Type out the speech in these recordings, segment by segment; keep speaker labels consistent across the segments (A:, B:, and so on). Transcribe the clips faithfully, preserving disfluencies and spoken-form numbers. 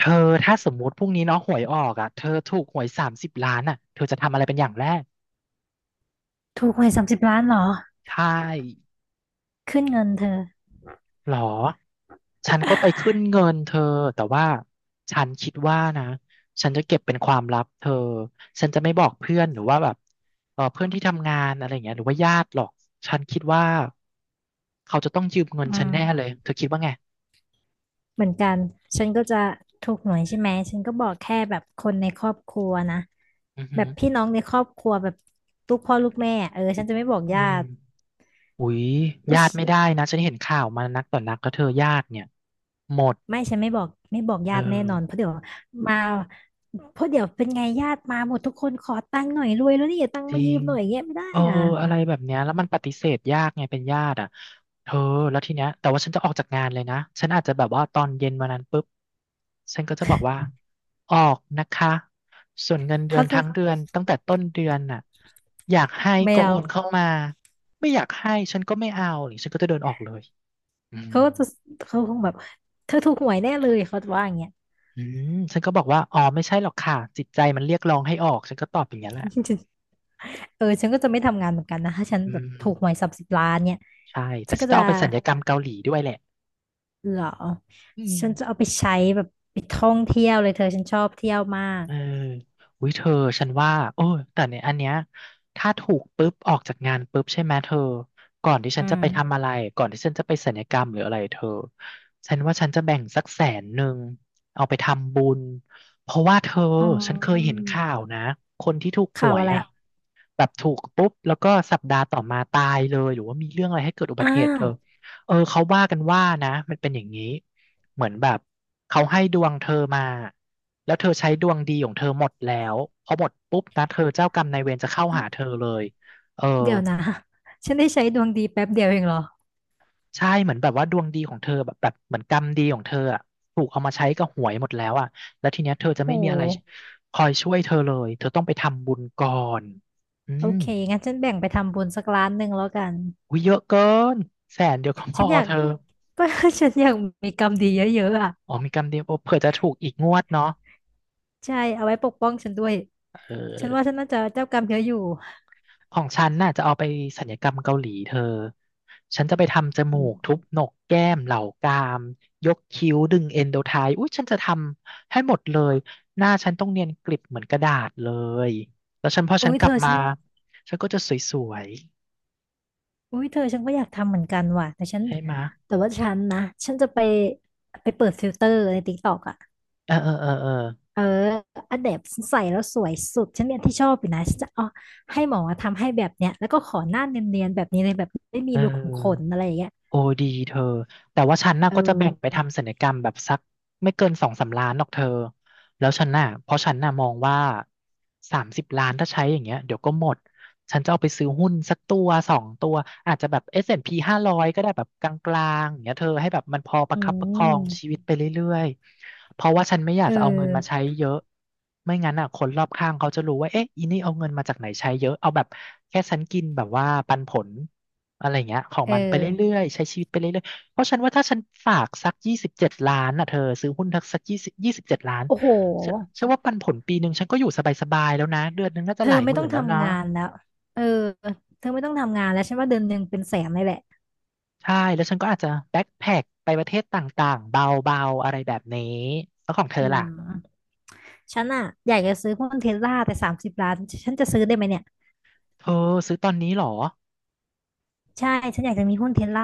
A: เธอถ้าสมมติพรุ่งนี้เนาะหวยออกอ่ะเธอถูกหวยสามสิบล้านอ่ะเธอจะทำอะไรเป็นอย่างแรก
B: ถูกหวยสามสิบล้านเหรอ
A: ใช่
B: ขึ้นเงินเธอ
A: หรอฉันก็ไปขึ้นเงินเธอแต่ว่าฉันคิดว่านะฉันจะเก็บเป็นความลับเธอฉันจะไม่บอกเพื่อนหรือว่าแบบเออเพื่อนที่ทำงานอะไรอย่างเงี้ยหรือว่าญาติหรอกฉันคิดว่าเขาจะต้องยืมเงิน
B: อื
A: ฉันแน่เล
B: ม
A: ยเธอคิดว่าไง
B: เหมือนกันฉันก็จะถูกหวยใช่ไหมฉันก็บอกแค่แบบคนในครอบครัวนะ
A: อือ
B: แบ
A: หือ
B: บพี่น้องในครอบครัวแบบลูกพ่อลูกแม่อะเออฉันจะไม่บอก
A: อื
B: ญา
A: ม
B: ติ
A: อุ๊ย
B: แล้ว
A: ญา
B: ฉ
A: ติไม่ได้นะฉันเห็นข่าวมานักต่อนักก็เธอญาติเนี่ยหมด
B: ไม่ฉันไม่บอกไม่บอก
A: เออ
B: ญาติแน่นอนเพราะเดี๋ยวมาเพราะเดี๋ยวเป็นไงญาติมาหมดทุกคนขอตังค์หน่อยรวยแล้วนี่อย่าตังค์
A: จ
B: มา
A: ริ
B: ยื
A: ง
B: มหน่อยอย่างเงี้ยไม่ได้
A: เออ
B: นะ
A: อะไรแบบเนี้ยแล้วมันปฏิเสธยากไงเป็นญาติอ่ะเธอแล้วทีเนี้ยแต่ว่าฉันจะออกจากงานเลยนะฉันอาจจะแบบว่าตอนเย็นวันนั้นปุ๊บฉันก็จะบอกว่า ออกนะคะ ส่วนเงินเดือ
B: เขา
A: น
B: จะ
A: ทั้งเดือนตั้งแต่ต้นเดือนน่ะอยากให้
B: ไม่
A: ก็โอ
B: เอา
A: นเข้ามา ไม่อยากให้ฉันก็ไม่เอาหรือฉันก็จะเดินออกเลยอืม
B: เขาก็จะเขาคงแบบเธอถูกหวยแน่เลยเขาจะว่าอย่างเงี้ย
A: อืมฉันก็บอกว่าอ๋อไม่ใช่หรอกค่ะจิตใจมันเรียกร้องให้ออกฉันก็ตอบอย่างนี้ยแหละ
B: เออฉันก็จะไม่ทำงานเหมือนกันนะถ้าฉัน
A: อื
B: แบบถูกหวย
A: ม
B: สามสิบล้านเนี่ย
A: ใช่แต่
B: ฉัน
A: ฉั
B: ก็
A: นจะ
B: จะ
A: เอาไปสัญญกรรมเกาหลีด้วยแหละ
B: เหรอ
A: อืม
B: ฉันจะเอาไปใช้แบบไปท่องเที่ยวเลยเธอฉันชอบเที่ยวมาก
A: เอออุ้ยเธอฉันว่าโอ้ยแต่ในอันเนี้ยถ้าถูกปุ๊บออกจากงานปุ๊บใช่ไหมเธอก่อนที่ฉั
B: อื
A: นจะ
B: ม
A: ไปทำอะไรก่อนที่ฉันจะไปศัลยกรรมหรืออะไรเธอฉันว่าฉันจะแบ่งสักแสนหนึ่งเอาไปทำบุญเพราะว่าเธอ
B: อ๋
A: ฉันเคยเห็
B: อ
A: นข่าวนะ คนที่ถูกห
B: ข่าว
A: วย
B: อะไร
A: อ่ะแบบถูกปุ๊บแล้วก็สัปดาห์ต่อมาตายเลยหรือว่ามีเรื่องอะไรให้เกิดอุบั
B: อ้า
A: ติเหตุเธ
B: ว
A: อเออเขาว่ากันว่านะมันเป็นอย่างนี้ เหมือนแบบเขาให้ดวงเธอมาแล้วเธอใช้ดวงดีของเธอหมดแล้วพอหมดปุ๊บนะเธอเจ้ากรรมนายเวรจะเข้าหาเธอเลยเออ
B: เดี๋ยวนะฉันได้ใช้ดวงดีแป๊บเดียวเองเหรอ
A: ใช่เหมือนแบบว่าดวงดีของเธอแบบแบบเหมือนกรรมดีของเธออะถูกเอามาใช้กับหวยหมดแล้วอะแล้วทีเนี้ยเธอ
B: โอ้
A: จะ
B: โห
A: ไม่มีอะไรคอยช่วยเธอเลยเธอต้องไปทำบุญก่อนอื
B: โอ
A: ม
B: เคงั้นฉันแบ่งไปทำบุญสักล้านหนึ่งแล้วกัน
A: อุ้ยเยอะเกินแสนเดียวก็พ
B: ฉั
A: อ
B: นอยาก
A: เธอ
B: ก็ ฉันอยากมีกรรมดีเยอะๆอ่ะ
A: อ๋อมีกรรมเดียวโอ้เผื่อจะถูกอีกงวดเนาะ
B: ใช่เอาไว้ปกป้องฉันด้วย
A: เอ
B: ฉันว่าฉั
A: อ
B: นน่าจะเจ้ากรรมเยอะอยู่
A: ของฉันน่ะจะเอาไปศัลยกรรมเกาหลีเธอ ฉันจะไปทำจ
B: อื
A: มูกทุ
B: ม
A: บโหนกแก้มเหล่ากรามยกคิ้วดึงเอนโดไทป์อุ้ยฉันจะทำให้หมดเลยหน้าฉันต้องเนียนกริบเหมือนกระดาษเลยแล้วฉันพอ
B: โอ้
A: ฉัน
B: ย
A: ก
B: เธ
A: ลับ
B: อ
A: มา
B: ฉัน
A: ฉันก็จะสวย
B: อุ้ยเธอฉันก็อยากทำเหมือนกันว่ะแต่ฉัน
A: ๆใช่ไหมะ
B: แต่ว่าฉันนะฉันจะไปไปเปิดฟิลเตอร์ในติ๊กตอกอ่ะ
A: เออเออเออเออ
B: เอออันเดบใส่แล้วสวยสุดฉันเนี่ยที่ชอบอยู่นะฉันจะเอาให้หมอทำให้แบบเนี้ยแล้วก็ขอหน้าเนียนๆแบบนี้เลยแบบไม่
A: เอ
B: มี
A: อ
B: รูขุมขนอะไรอย่างเงี้ย
A: โอ้ดีเธอแต่ว่าฉันน่ะ
B: เ
A: ก็จะแบ่งไป
B: ออ
A: ทำศัลยกรรมแบบสักไม่เกินสองสามล้านหรอกเธอแล้วฉันน่ะเพราะฉันน่ะมองว่าสามสิบล้านถ้าใช้อย่างเงี้ยเดี๋ยวก็หมดฉันจะเอาไปซื้อหุ้นสักตัวสองตัวอาจจะแบบ เอส แอนด์ พี ห้าร้อยก็ได้แบบกลางๆอย่างเงี้ยเธอให้แบบมันพอประ
B: อื
A: คับประคองชี
B: ม
A: วิตไปเรื่อยๆเพราะว่าฉันไม่อยาก
B: เออ
A: จะเอาเงินมาใช้เยอะไม่งั้นอ่ะคนรอบข้างเขาจะรู้ว่าเอ๊ะอีนี่เอาเงินมาจากไหนใช้เยอะเอาแบบแค่ฉันกินแบบว่าปันผล อะไรอย่างเงี้ยของ
B: เอ
A: มันไปเรื่
B: อ
A: อยๆใช้ชีวิตไปเรื่อยๆเพราะฉันว่าถ้าฉันฝากสักยี่สิบเจ็ดล้านอ่ะเธอซื้อหุ้นทักสักยี่สิบยี่สิบเจ็ดล้าน
B: โอ้โห
A: ฉันฉันว่าปันผลปีหนึ่งฉันก็อยู่สบายๆแล้วนะเดือนหนึงน่า
B: เธ
A: จะห
B: อ
A: ลายห
B: ไม่
A: มื่
B: ต้อ
A: น
B: ง
A: แล้วเนาะ
B: ทำงานแล้วเออเธอไม่ต้องทำงานแล้วฉันว่าเดือนหนึ่งเป็นแสนเลยแหละ
A: ใช่แล้วฉันก็อาจจะแบ็คแพ็คไปประเทศต่างๆเบาๆอะไรแบบนี้แล้วของเธอ
B: อื
A: ล่ะ
B: มฉันอะอยากจะซื้อหุ้นเทสลาแต่สามสิบล้านฉันจะซื้อได้ไหมเนี่ย
A: เธอซื้อตอนนี้เหรอ
B: ใช่ฉันอยากจะมีหุ้นเทสลา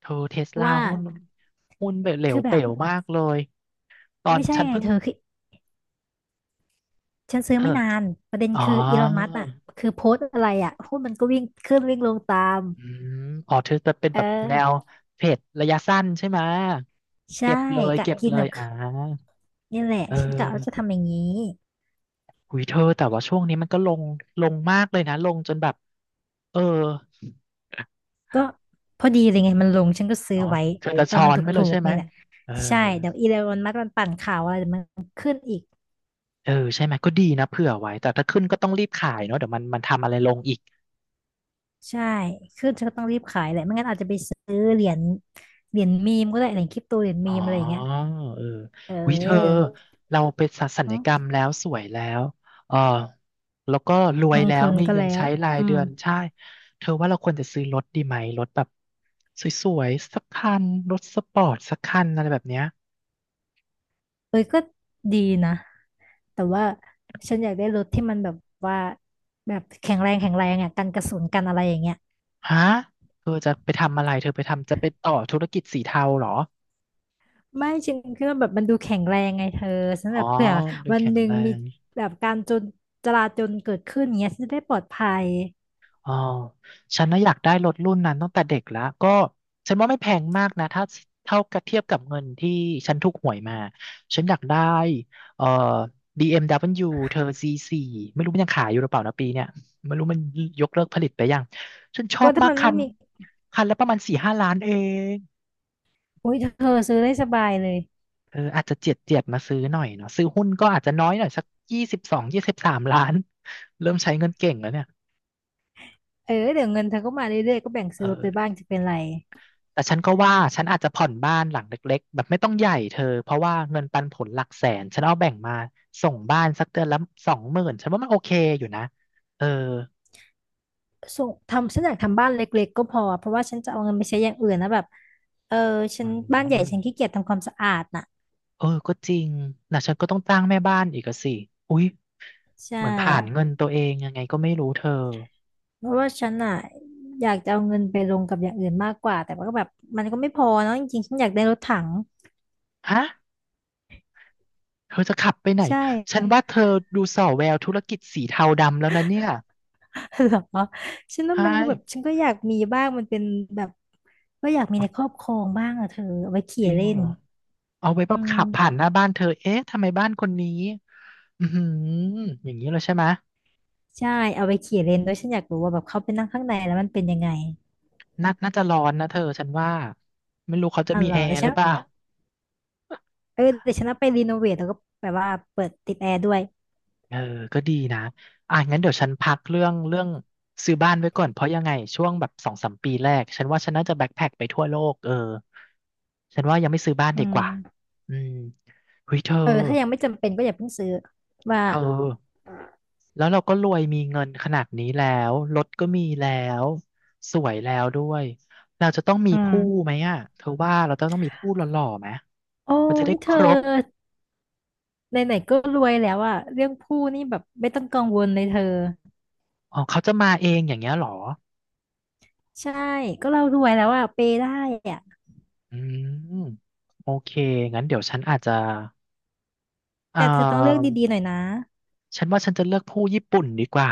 A: เธอเทส
B: เพราะ
A: ลา
B: ว่า
A: หุ้นหุ้นเหล
B: คื
A: ว
B: อแบ
A: เป๋
B: บ
A: วมากเลยตอน
B: ไม่ใช่
A: ฉัน
B: ไง
A: เพิ่ง
B: เธอคือฉันซื้อ
A: เออ
B: ไม่นานประเด็น
A: อ๋อ
B: คืออีลอนมัสก์อ่ะคือโพสต์อะไรอ่ะหุ้นมันก็วิ่งขึ้นวิ่งลงตาม
A: อืมอ๋อเธอจะเป็น
B: เอ
A: แบบแนว
B: อ
A: เพจระยะสั้นใช่ไหม
B: ใช่
A: เก็บเลย
B: กะ
A: เก็บ
B: กิน
A: เล
B: แบ
A: ย
B: บ
A: อ่า
B: เขานี่แหละ
A: เอ
B: ฉันกะว่าจะ
A: อ
B: ทำอย่างนี้
A: หุยเธอแต่ว่าช่วงนี้มันก็ลงลงมากเลยนะลงจนแบบเออ
B: ก็พอดีเลยไงมันลงฉันก็ซื้
A: อ๋
B: อ
A: อ
B: ไว้
A: เธอจะ
B: ตอน
A: ช้อ
B: มัน
A: น
B: ถ
A: ไปเล
B: ู
A: ยใช่
B: กๆ
A: ไหม
B: นี่แหละ
A: เออ
B: ใช่เดี๋ยวอีลอนมัสก์มันปั่นข่าวอะไรเดี๋ยวมันขึ้นอีก
A: เออใช่ไหมก็ดีนะเผื่อไว้แต่ถ้าขึ้นก็ต้องรีบขายเนาะเดี๋ยวมันมันทำอะไรลงอีก
B: ใช่ขึ้นฉันก็ต้องรีบขายแหละไม่งั้นอาจจะไปซื้อเหรียญเหรียญมีมก็ได้เหรียญคริปโตเหรียญ
A: อ๋
B: มี
A: อ
B: มอะไรอย่างเงี้ย
A: เออ
B: เ
A: วิเธอ
B: ออ
A: เราไปสัล
B: เน
A: ย
B: อ
A: กรร
B: ม
A: มแล้วสวยแล้วเออแล้วก็รว
B: ล
A: ย
B: ง
A: แล้
B: ทุ
A: ว
B: น
A: มี
B: ก็
A: เงิน
B: แล้ว
A: ใช้ราย
B: อื
A: เดื
B: ม
A: อนใช่เธอว่าเราควรจะซื้อรถดีไหมรถแบบสวยๆสักคันรถสปอร์ตสักคันอะไรแบบเนี้ย
B: เอ้ยก็ดีนะ แต่ว่าฉันอยากได้รถที่มันแบบว่าแบบแข็งแรงแข็งแรงอ่ะกันกระสุนกันอะไรอย่างเงี้ย
A: ฮะเธอจะไปทำอะไรเธอไปทำจะไปต่อธุรกิจสีเทาเหรอ
B: ไม่ฉันคิดว่าแบบมันดูแข็งแรงไงเธอฉัน
A: อ๋
B: แบ
A: อ
B: บเผื่อ
A: ดู
B: วัน
A: แข็ง
B: หนึ่ง
A: แร
B: มี
A: ง
B: แบบการจนจราจนเกิดขึ้นเงี้ยฉันจะได้ปลอดภัย
A: อ๋อ ฉันน่ะอยากได้รถรุ่นนั้นตั้งแต่เด็กแล้ว ก็ฉันว่าไม่แพงมากนะถ้าเท่ากับเทียบกับเงินที่ฉันถูกหวยมา ฉันอยากได้เอ่อ บี เอ็ม ดับเบิลยู เอ็มดับเบิลยูเธอ ซี สี่ ไม่รู้มันยังขายอยู่หรือเปล่านะปีเนี่ยไม่รู้มันยกเลิกผลิตไปยังฉันชอ
B: ก็
A: บ
B: ถ้า
A: มาก
B: มัน
A: คั
B: ไม่
A: น
B: มี
A: คันละประมาณสี่ห้าล้านเอง
B: โอ้ยเธอซื้อได้สบายเลย
A: เอออาจจะเจียดเจียดมาซื้อหน่อยเนาะซื้อหุ้นก็อาจจะน้อยหน่อยสักยี่สิบสองยี่สิบสามล้านเริ่มใช้เงินเก่งแล้วเนี่ย
B: เออเดี๋ยวเงินเธอก็มาเรื่อยๆก็แบ่ง
A: เอ
B: ซื้อรถไป
A: อ
B: บ้างจะเป็นไร
A: แต่ฉันก็ว่าฉันอาจจะผ่อนบ้านหลังเล็กๆแบบไม่ต้องใหญ่เธอเพราะว่าเงินปันผลหลักแสนฉันเอาแบ่งมาส่งบ้านสักเดือนละสองหมื่นฉันว่ามันโอเคอยู่นะเออ
B: ส่งทำฉันอยากทำบ้านเล็กๆก็พอเพราะว่าฉันจะเอาเงินไปใช้อย่างอื่นนะแบบเออ
A: อื
B: ฉันบ้านใหญ่ฉันขี้
A: ม
B: เกียจทำความสะอาดน่ะ
A: เออก็จริงนะฉันก็ต้องจ้างแม่บ้านอีกอะสิอุ๊ย
B: ใช
A: เหมือนผ่าน
B: ่
A: เงินตัวเองยังไงก็ไม่รู้เธอ
B: เพราะว่าฉันอ่ะอยากจะเอาเงินไปลงกับอย่างอื่นมากกว่าแต่ว่าก็แบบมันก็ไม่พอเนาะจริงๆฉันอยากได้รถถัง
A: ฮะเธอจะขับไปไหน
B: ใช
A: ฉันว่า
B: ่
A: เธอดูส่อแววธุรกิจสีเทาดำแล้วนะเนี่ย
B: เหรอฉันว่า
A: ใช่
B: มันก็แบบฉันก็อยากมีบ้างมันเป็นแบบก็อยากมี
A: อ๋
B: ในค
A: อ
B: รอบครองบ้างอะเธอเอาไว้ขี่
A: จริง
B: เล่
A: เห
B: น
A: รอ เอาไว้แบ
B: อื
A: บขับผ่าน
B: ม
A: หน้าบ้านเธอเอ๊ะทำไมบ้านคนนี้อือหืออย่างนี้เลยใช่ไหม
B: ใช่เอาไปขี่เล่นด้วยฉันอยากรู้ว่าแบบเขาไปนั่งข้างในแล้วมันเป็นยังไง
A: น่าน่าจะร้อนนะเธอฉันว่าไม่รู้เขาจะ
B: อ๋อ
A: มี
B: เหร
A: แอ
B: อแต่
A: ร์ห
B: ฉั
A: รือเปล่า
B: น เออแต่ฉันเอาไปรีโนเวทแล้วก็แบบว่าเปิดติดแอร์ด้วย
A: เออก็ดีนะอ่ะงั้นเดี๋ยวฉันพักเรื่องเรื่องซื้อบ้านไว้ก่อน เพราะยังไงช่วงแบบสองสามปีแรกฉันว่าฉันน่าจะแบ็คแพ็คไปทั่วโลกเออฉันว่ายังไม่ซื้อบ้าน
B: อื
A: ดีก
B: ม
A: ว่าอืมเฮ้ยเธอ
B: เออถ้ายังไม่จำเป็นก็อย่าเพิ่งซื้อว่า
A: เธอ แล้วเราก็รวยมีเงินขนาดนี้แล้วรถก็มีแล้วสวยแล้วด้วยเราจะต้องมี
B: อืม
A: ผู้ไหมอ่ะเธอว่าเราจะต้องมีผู้หล่อๆไหม
B: โอ้
A: มันจะ
B: ย
A: ได้
B: เธ
A: ค
B: อ
A: รบ
B: ไหนๆก็รวยแล้วอะเรื่องผู้นี่แบบไม่ต้องกังวลเลยเธอ
A: อ๋อเขาจะมาเองอย่างเงี้ยเหรอ
B: ใช่ก็เรารวยแล้วอะเปย์ได้อะ
A: อืมโอเคงั้นเดี๋ยวฉันอาจจะเอ่
B: แต่เธอต้องเลือก
A: อ
B: ดีๆหน่อยนะ
A: ฉันว่าฉันจะเลือกผู้ญี่ปุ่นดีกว่า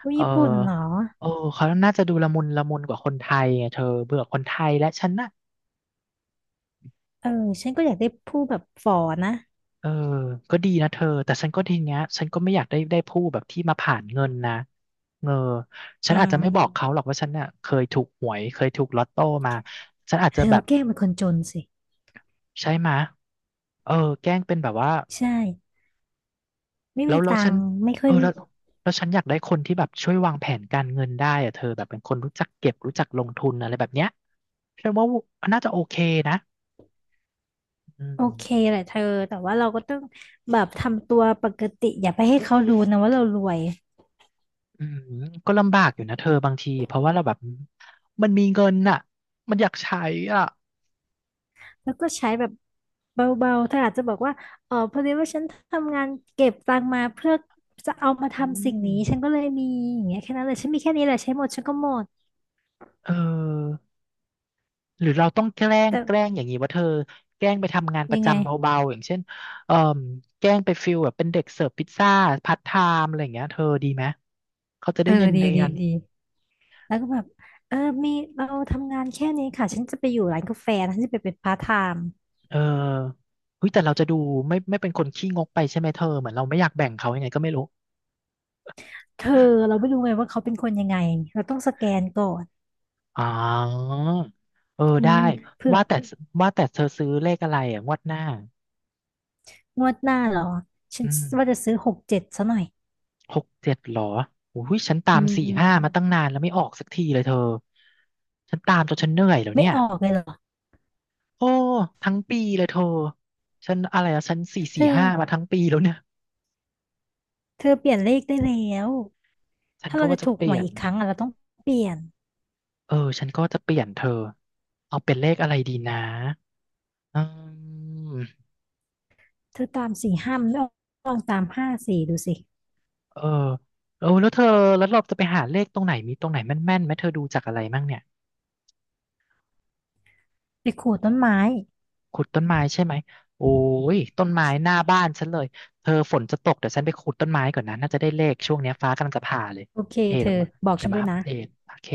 B: ผู้
A: เออ
B: ญี่ปุ่นเหรอ
A: เออเขาน่าจะดูละมุนละมุนกว่าคนไทยไงเธอเบื่อคนไทยและฉันน่ะ
B: เออฉันก็อยากได้ผู้แบบฝอนะ
A: เออก็ดีนะเธอแต่ฉันก็ทีเนี้ยฉันก็ไม่อยากได้ได้ผู้แบบที่มาผ่านเงินนะเออฉั
B: อื
A: นอาจ
B: ม
A: จะไม่บอกเขาหรอกว่าฉันเนี่ยเคยถูกหวยเคยถูกลอตโต้มาฉันอาจ
B: เธ
A: จะ
B: อ
A: แบบ
B: ก็แกล้งเป็นคนจนสิ
A: ใช่ไหมะเออแกล้งเป็นแบบว่า
B: ใช่ไม่
A: แล้
B: มี
A: วแล้ว
B: ตั
A: ฉั
B: ง
A: น
B: ค์ไม่ค่
A: เอ
B: อย
A: อแล้วแล้วฉันอยากได้คนที่แบบช่วยวางแผนการเงินได้อะเธอแบบเป็นคนรู้จักเก็บรู้จักลงทุนอะไรแบบเนี้ยฉันว่าน่าจะโอเคนะอื
B: โอ
A: ม
B: เคแหละเธอแต่ว่าเราก็ต้องแบบทำตัวปกติอย่าไปให้เขารู้นะว่าเรารวย
A: อืมก็ลำบากอยู่นะเธอบางทีเพราะว่าเราแบบมันมีเงินน่ะมันอยากใช้อ่ะ
B: แล้วก็ใช้แบบเบาๆเธออาจจะบอกว่าเออพอดีว่าฉันทำงานเก็บตังค์มาเพื่อจะเอามา
A: อื
B: ทำสิ่ง
A: ม
B: นี้ฉันก็เลยมีอย่างเงี้ยแค่นั้นเลยฉันมีแค่นี้แหละใช้หมดฉันก็หมด
A: เออหรือเราต้องแกล้ง
B: แต่
A: แกล้งอย่างนี้ว่าเธอแกล้งไปทำงานป
B: ยั
A: ระ
B: งไง
A: จำเบาๆอย่างเช่นเออแกล้งไปฟิลแบบเป็นเด็กเสิร์ฟพิซซ่าพาร์ทไทม์อะไรอย่างเงี้ยเธอดีไหมเขาจะได้
B: เออ
A: เนียน
B: ดีดีดี
A: เ
B: แล้วก็แบบเออมีเราทำงานแค่นี้ค่ะฉันจะไปอยู่ร้านกาแฟนะฉันจะไปเป็นพาร์ทไทม์
A: เออเฮ้ยแต่เราจะดูไม่ไม่เป็นคนขี้งกไปใช่ไหมเธอเหมือนเราไม่อยากแบ่งเขายังไงก็ไม่รู้
B: เธอเราไม่รู้ไงว่าเขาเป็นคนยังไงเราต้องสแกนก่อน
A: อ๋อเออ
B: อื
A: ได้
B: มเผื่อ
A: ว่าแต่ว่าแต่เธอซื้อเลขอะไรอ่ะงวดหน้า
B: งวดหน้าเหรอฉั
A: อื
B: น
A: ม
B: ว่าจะซื้อหกเจ็ดซะหน่อย
A: หกเจ็ดหรอโอ้ยฉันตา
B: อื
A: มสี่ห้า
B: ม
A: มาตั้งนานแล้วไม่ออกสักทีเลยเธอฉันตามจนฉันเหนื่อยแล้ว
B: ไม่
A: เนี่ย
B: ออกเลยเหรอ
A: โอ้ทั้งปีเลยเธอฉันอะไรอะฉันสี่
B: เธ
A: สี่
B: อ
A: ห้ามาทั้งปีแล้วเนี่ย
B: เธอเปลี่ยนเลขได้แล้ว
A: ฉัน
B: ถ้า
A: ก็
B: เราจะ
A: ว่าจะ
B: ถูก
A: เป
B: ห
A: ลี่
B: วย
A: ยน
B: อีกครั้งอะเราต้องเปลี่ยน
A: เออฉันก็จะเปลี่ยนเธอเอาเป็นเลขอะไรดีนะอืม
B: เธอตามสี่ห้ามันไม่ออกลองตามห้าสี่ดูสิ
A: เออเออแล้วเธอแล้วเราจะไปหาเลขตรงไหนมีตรงไหนแม่นๆไหมเธอดูจากอะไรมั่งเนี่ย
B: ไปขูดต้นไม้
A: ขุดต้นไม้ใช่ไหม โอ้ย ต้นไม้หน้าบ้านฉันเลย เธอฝนจะตกเดี๋ยวฉันไปขุดต้นไม้ก่อนนะน่าจะได้เลขช่วงเนี้ยฟ้ากำลังจะผ่าเลย
B: โอเค
A: เอ
B: เธ
A: เดี๋ยว
B: อ
A: มา
B: บอก
A: เดี๋ย
B: ฉั
A: ว
B: น
A: มา
B: ด้วย
A: อัป
B: นะ
A: เดตโอเค